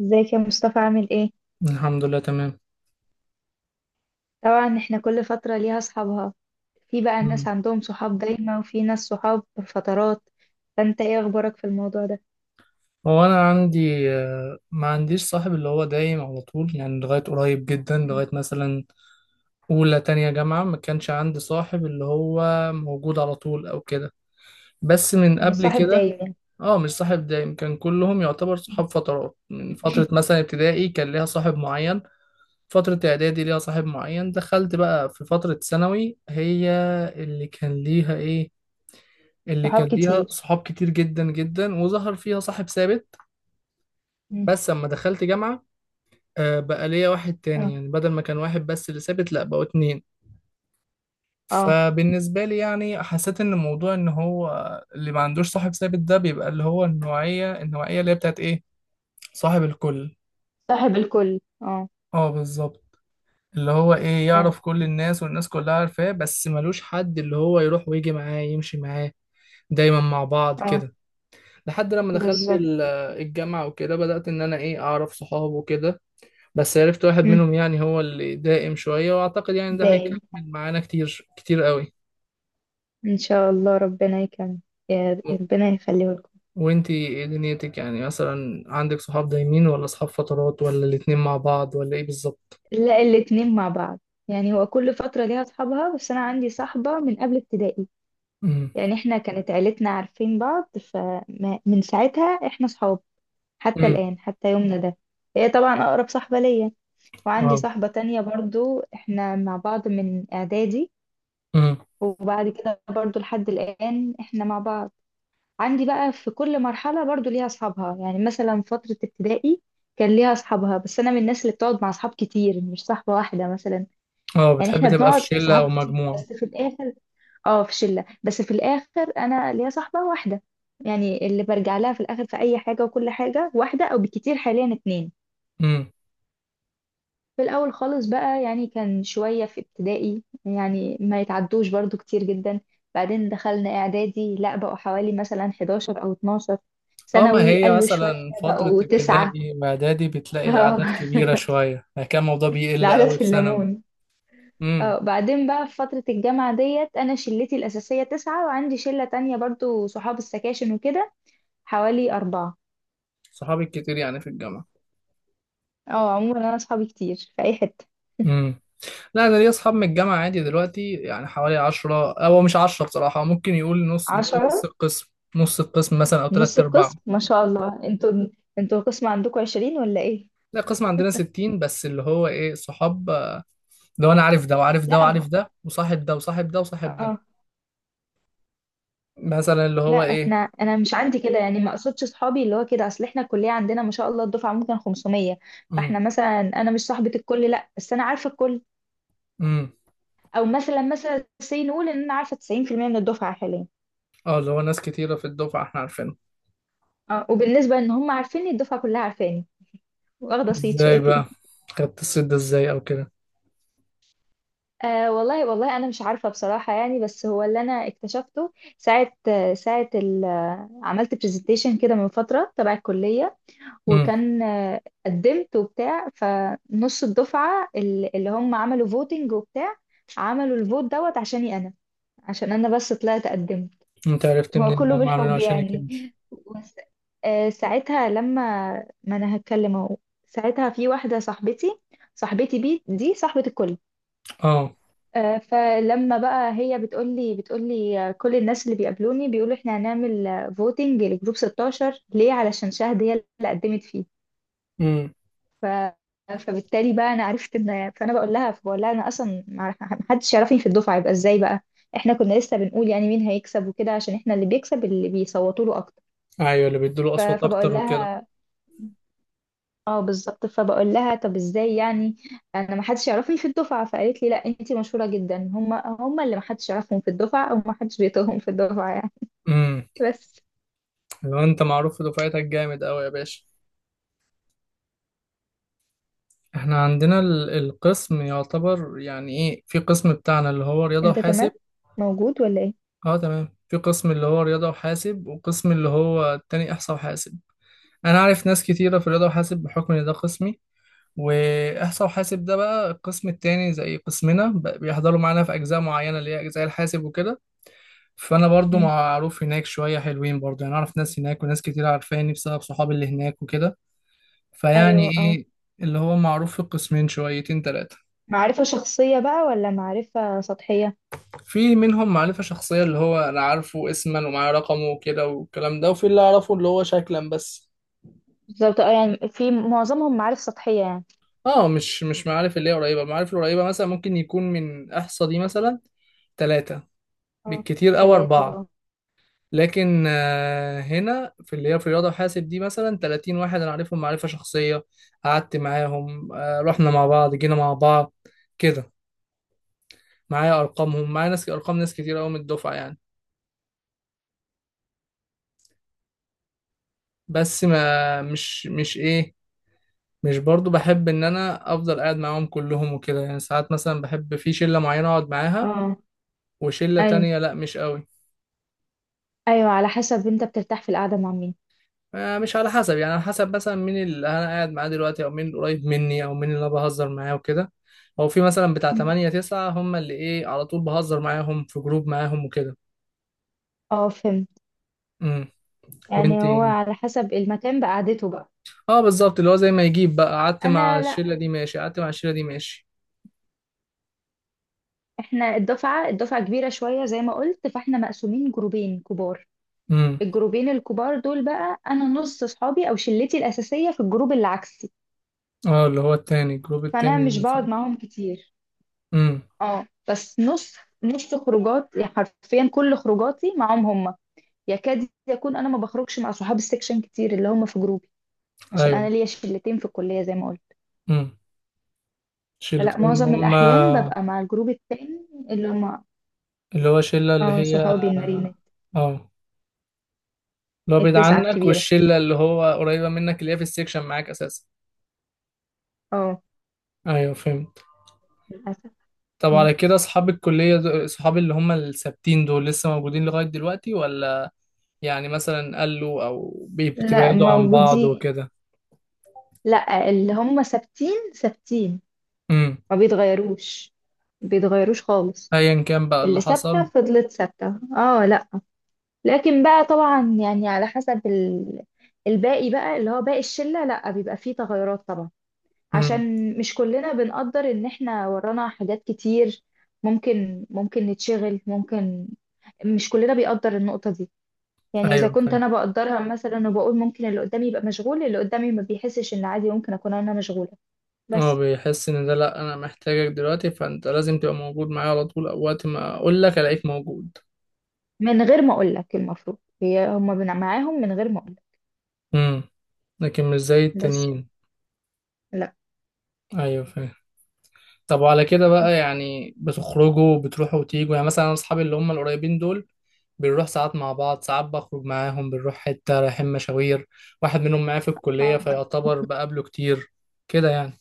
ازيك يا مصطفى؟ عامل ايه؟ الحمد لله تمام. طبعا احنا كل فترة ليها اصحابها. في بقى ناس مم. عندهم صحاب دايما وفي ناس صحاب فترات. فانت ايه اخبارك في الموضوع ده؟ هو انا عندي ما عنديش صاحب اللي هو دايم على طول، يعني لغايه قريب جدا، مم. لغايه مثلا اولى تانية جامعه ما كانش عندي صاحب اللي هو موجود على طول او كده، بس من مش قبل صاحب كده. دايما يعني. اه مش صاحب دايم، كان كلهم يعتبر مم. صحاب فترات. من فتره مثلا ابتدائي كان ليها صاحب معين، فتره اعدادي ليها صاحب معين. دخلت بقى في فتره ثانوي، هي اللي كان ليها ايه اللي صحاب كان ليها كتير. صحاب كتير جدا جدا، وظهر فيها صاحب ثابت. مم. بس اما دخلت جامعة بقى ليا واحد اه. تاني، يعني بدل ما كان واحد بس اللي ثابت، لا بقوا اتنين. اه، فبالنسبة لي يعني حسيت ان موضوع ان هو اللي ما عندوش صاحب ثابت ده بيبقى اللي هو النوعية اللي هي بتاعت ايه، صاحب الكل. صاحب الكل. اه. اه بالظبط، اللي هو ايه أي. يعرف كل الناس والناس كلها عارفاه، بس ملوش حد اللي هو يروح ويجي معاه يمشي معاه دايما مع بعض اه كده. لحد لما دخلت بالظبط. الجامعة وكده بدأت ان انا ايه اعرف صحابه وكده، بس عرفت واحد مم. منهم يعني هو اللي دائم شوية، وأعتقد يعني ده دايم، هيكمل معانا كتير كتير قوي. ان شاء الله ربنا يكمل، يا و... ربنا يخليه لكم. وانتي ايه دنيتك، يعني مثلا عندك صحاب دايمين ولا صحاب فترات ولا الاتنين مع بعض ولا ايه بالظبط؟ لا، الاتنين مع بعض. يعني هو كل فترة ليها اصحابها، بس انا عندي صاحبة من قبل ابتدائي. امم. يعني احنا كانت عيلتنا عارفين بعض، فمن ساعتها احنا صحاب حتى امم. الآن، حتى يومنا ده. هي طبعا أقرب صاحبة ليا. وعندي اه. صاحبة تانية برضو، احنا مع بعض من إعدادي. امم. وبعد كده برضو لحد الآن احنا مع بعض. عندي بقى في كل مرحلة برضو ليها أصحابها، يعني مثلا فترة ابتدائي كان ليها أصحابها، بس أنا من الناس اللي بتقعد مع أصحاب كتير، مش صاحبة واحدة مثلا. اه يعني بتحب احنا تبقى في بنقعد شلة صحاب او كتير مجموعة؟ بس في الآخر، اه في شله، بس في الاخر انا ليا صاحبه واحده، يعني اللي برجع لها في الاخر في اي حاجه وكل حاجه، واحده او بكتير حاليا اتنين. امم. في الاول خالص بقى، يعني كان شويه في ابتدائي، يعني ما يتعدوش برضو كتير جدا. بعدين دخلنا اعدادي، لا بقوا حوالي مثلا 11 او 12. اه، ما ثانوي هي قالوا شويه، مثلا فترة بقوا تسعه، ابتدائي واعدادي بتلاقي اه الأعداد كبيرة شوية، يعني كان الموضوع بيقل العدد قوي في في ثانوي. الليمون. امم. اه بعدين بقى في فترة الجامعة ديت أنا شلتي الأساسية تسعة، وعندي شلة تانية برضو صحاب السكاشن وكده، حوالي أربعة. صحابي كتير يعني في الجامعة. اه عموما انا اصحابي كتير في اي حتة. مم. لا، انا ليا اصحاب من الجامعه عادي دلوقتي يعني حوالي 10، هو مش 10 بصراحه، ممكن يقول نص، نص عشرة. القسم، نص القسم مثلا او نص تلات ارباع. القسم؟ ما شاء الله انتوا، انتوا القسم عندكم عشرين ولا ايه؟ لا، القسم عندنا 60، بس اللي هو ايه صحاب، لو انا عارف ده وعارف ده لا وعارف ما، ده وصاحب ده وصاحب ده وصاحب ده. اه. مثلا اللي لا هو ايه. احنا، انا مش عندي كده يعني، ما اقصدش صحابي اللي هو كده، اصل احنا الكلية عندنا ما شاء الله الدفعة ممكن 500. فاحنا امم. مثلا انا مش صاحبة الكل، لا بس انا عارفة الكل. امم. او مثلا، مثلا سي نقول ان انا عارفة 90% من الدفعة حاليا. اه اللي هو ناس كتيره في الدفعه احنا عارفينها. اه وبالنسبة ان هم عارفيني، الدفعة كلها عارفاني، واخدة صيت ازاي شقتي. بقى خدت الصيت ده ازاي او كده؟ أه والله والله أنا مش عارفة بصراحة يعني، بس هو اللي أنا اكتشفته ساعة، ساعة عملت برزنتيشن كده من فترة تبع الكلية، امم. وكان قدمت وبتاع، فنص الدفعة اللي هم عملوا فوتنج وبتاع، عملوا الفوت دوت عشاني أنا، عشان أنا بس طلعت قدمت. انت عرفت هو منين ان كله هم عاملينه بالحب عشانك يعني. انت؟ بس ساعتها لما، ما أنا هتكلم أهو. ساعتها في واحدة صاحبتي، صاحبتي بي دي صاحبة الكل. اه. فلما بقى هي بتقولي كل الناس اللي بيقابلوني بيقولوا احنا هنعمل فوتنج لجروب 16، ليه؟ علشان شهد هي اللي قدمت فيه. امم. ف... فبالتالي بقى انا عرفت ان، فانا بقول لها، فبقول لها، انا اصلا ما حدش يعرفني في الدفعه، يبقى ازاي بقى؟ احنا كنا لسه بنقول يعني مين هيكسب وكده، عشان احنا اللي بيكسب اللي بيصوتوا له اكتر. ايوه اللي بيدوا له اصوات فبقول اكتر وكده. لها، اه بالظبط، فبقول لها طب ازاي يعني؟ انا ما حدش يعرفني في الدفعه. فقالت لي لا انتي مشهوره جدا، هم هم اللي ما حدش يعرفهم في الدفعه، او ما حدش بيطيقهم في الدفعه يعني. بس لو انت معروف في دفعتك جامد قوي يا باشا. احنا عندنا القسم يعتبر يعني ايه، في قسم بتاعنا اللي هو رياضة انت وحاسب. تمام؟ موجود ولا ايه؟ اه تمام، في قسم اللي هو رياضة وحاسب وقسم اللي هو التاني احصاء وحاسب. انا عارف ناس كتيرة في رياضة وحاسب بحكم ان ده قسمي. واحصاء وحاسب ده بقى القسم التاني، زي قسمنا بيحضروا معانا في اجزاء معينة اللي هي اجزاء الحاسب وكده. فانا برضو مم. معروف هناك شوية، حلوين برضو يعني اعرف ناس هناك وناس كتير عارفاني بسبب صحابي اللي هناك وكده. فيعني ايوه اه. ايه، اللي هو معروف في القسمين شويتين تلاتة. معرفه شخصيه بقى ولا معرفه سطحيه؟ في منهم معرفة شخصية اللي هو انا عارفه اسما ومعاه رقمه وكده والكلام ده، وفي اللي اعرفه اللي هو شكلا بس. بالظبط اه، يعني في معظمهم معارف سطحيه يعني. اه مش معارف اللي هي قريبة، المعارف القريبة مثلا ممكن يكون من احصى دي مثلا تلاتة اه، بالكتير او ثلاثه اربعة. اه. لكن هنا في اللي هي في رياضة وحاسب دي مثلا 30 واحد انا عارفهم معرفة شخصية، قعدت معاهم رحنا مع بعض جينا مع بعض كده. معايا ارقامهم، معايا ناس ارقام ناس كتير قوي من الدفعة يعني. بس ما مش مش ايه مش برضو بحب ان انا افضل قاعد معاهم كلهم وكده، يعني ساعات مثلا بحب في شلة معينة اقعد معاها اه. وشلة ايوه، تانية لا مش قوي. ايوه على حسب انت بترتاح في القعده مع مين. مش على حسب يعني، على حسب مثلا مين اللي انا قاعد معاه دلوقتي او مين اللي قريب مني او مين اللي انا بهزر معاه وكده، او في مثلا بتاع مم. 8 9، هم اللي ايه على طول بهزر معاهم في جروب معاهم وكده. اه فهمت، امم. يعني وانتي. هو على حسب المكان بقعدته بقى. اه بالظبط، اللي هو زي ما يجيب بقى قعدت مع انا لا، الشلة دي ماشي، قعدت مع الشلة دي ماشي. احنا الدفعة، الدفعة كبيرة شوية زي ما قلت، فاحنا مقسومين جروبين كبار. امم. الجروبين الكبار دول بقى، انا نص صحابي او شلتي الاساسية في الجروب اللي عكسي. اه اللي هو التاني، الجروب فانا التاني مش بقعد مثلا. معاهم كتير. امم. اه بس نص، نص خروجات يعني، حرفيا كل خروجاتي معاهم هما. يكاد يكون انا ما بخرجش مع صحاب السكشن كتير اللي هما في جروبي، عشان انا ايوه. ليا شلتين في الكلية زي ما قلت. امم. لا شيلتين اللي معظم هم. الاحيان ببقى مع الجروب التاني اللي هما، اللي هو شلة اللي اه هي. صحابي المريمين. اه اللي هو بعيد التسعة عنك، الكبيرة، والشلة اللي هو قريبة منك اللي هي في السكشن معاك اساسا. اه. ايوه فهمت. للأسف. طب على كده اصحاب الكلية اصحاب اللي هم الثابتين دول لسه موجودين لغاية دلوقتي، ولا يعني مثلا قالوا او لا بتبعدوا عن بعض موجودين، وكده؟ لا اللي هم ثابتين ثابتين، امم. ما بيتغيروش، ما بيتغيروش خالص. ايا كان بقى اللي اللي ثابتة حصل. فضلت ثابتة اه، لا. لكن بقى طبعا يعني على حسب الباقي بقى، اللي هو باقي الشلة لا، بيبقى فيه تغيرات طبعا، امم. عشان مش كلنا بنقدر ان احنا ورانا حاجات كتير، ممكن نتشغل، ممكن، مش كلنا بيقدر النقطة دي. يعني اذا ايوه كنت فاهم. انا بقدرها مثلا، وبقول ممكن اللي قدامي يبقى مشغول، اللي قدامي ما بيحسش ان عادي ممكن اكون انا مشغولة. هو بس بيحس ان ده لا انا محتاجك دلوقتي، فانت لازم تبقى موجود معايا على طول او وقت ما اقول لك الاقيك موجود. من غير ما اقول لك، المفروض هي هما معاهم من غير ما اقول لك. امم. لكن مش زي بس التانيين. لا ايوه فاهم. طب وعلى كده بقى، يعني بتخرجوا بتروحوا وتيجوا؟ يعني مثلا انا اصحابي اللي هم القريبين دول بنروح ساعات مع بعض، ساعات بخرج معاهم بنروح حتة رايحين مشاوير، واحد منهم معايا في الكلية اه. فيعتبر بقابله كتير كده يعني.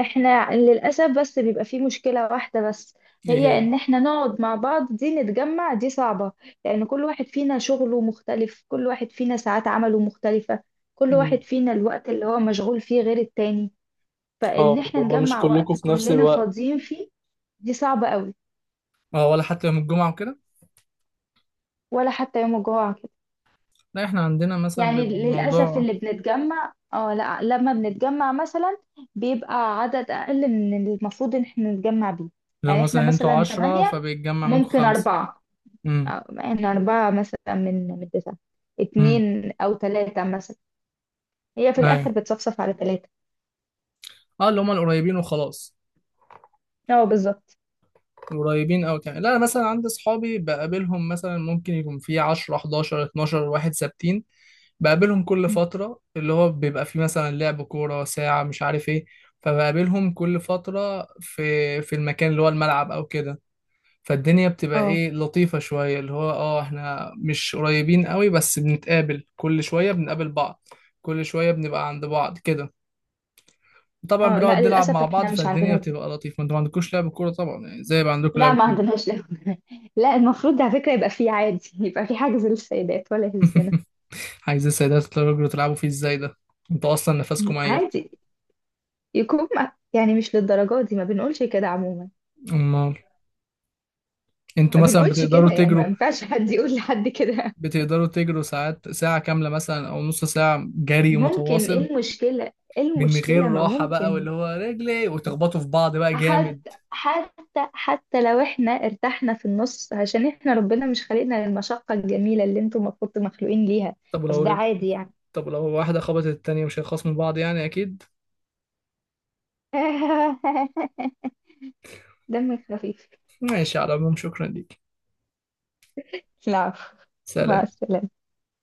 احنا للاسف بس بيبقى في مشكلة واحدة بس، ايه هي هي؟ ان احنا نقعد مع بعض دي، نتجمع دي صعبة، لان كل واحد فينا شغله مختلف، كل واحد فينا ساعات عمله مختلفة، كل واحد امم. فينا الوقت اللي هو مشغول فيه غير التاني. اه فإن اللي إحنا هو مش نجمع كلكم وقت في نفس كلنا الوقت. فاضيين فيه، دي صعبة قوي. اه، ولا حتى يوم الجمعة وكده. ولا حتى يوم الجمعة كده. لا، احنا عندنا مثلا يعني بيبقى للأسف الموضوع. اللي بنتجمع اه، لا لما بنتجمع مثلا، بيبقى عدد أقل من اللي المفروض إن احنا نتجمع بيه. لو يعني احنا مثلا انتوا مثلا عشرة تمانية، فبيتجمع منكم ممكن خمسة. أربعة، امم. أو- احنا أربعة مثلا من تسعة، امم. اتنين أو تلاتة مثلا. هي في ايوه. الآخر بتصفصف على تلاتة. اه اللي هم القريبين وخلاص. اه بالظبط. قريبين أوي يعني، لا أنا مثلا عندي أصحابي بقابلهم مثلا ممكن يكون في 10 11 12 واحد ثابتين، بقابلهم كل فترة اللي هو بيبقى فيه مثلا لعب كورة، ساعة مش عارف ايه. فبقابلهم كل فترة في المكان اللي هو الملعب أو كده. فالدنيا بتبقى اه، ايه لطيفة شوية، اللي هو اه احنا مش قريبين قوي بس بنتقابل كل شوية، بنقابل بعض كل شوية، بنبقى عند بعض كده. طبعا اه لا بنقعد نلعب للأسف مع احنا بعض مش عندنا فالدنيا دي، بتبقى لطيفة. ما انتوا ما عندكوش لعب كورة طبعا، يعني زي ما عندكم لا لعب ما كورة. عندناش لعب. لا المفروض ده على فكرة يبقى فيه عادي، يبقى فيه حجز للسيدات، ولا يهزنا؟ عايز السيدات تقدروا تلعبوا فيه ازاي ده؟ انتوا اصلا نفسكم ميت. عادي يكون يعني مش للدرجة دي، ما بنقولش كده عموما. امال ما انتوا مثلا بنقولش كده، بتقدروا يعني ما تجروا؟ ينفعش حد يقول لحد كده. بتقدروا تجروا ساعات، ساعة كاملة مثلا او نص ساعة جري ممكن، ايه متواصل المشكلة؟ ايه من غير المشكلة؟ ما راحة بقى، ممكن. واللي هو رجلي وتخبطوا في بعض بقى جامد. حتى، حتى، حتى لو احنا ارتحنا في النص، عشان احنا ربنا مش خلقنا للمشقة الجميلة اللي انتم المفروض مخلوقين ليها. طب بس ولو ده رجل. عادي يعني. طب لو واحدة خبطت التانية مش هيخصموا بعض يعني اكيد. دمك خفيف. ماشي، على العموم شكرا ليك. لا عفو. مع سلام. السلامة.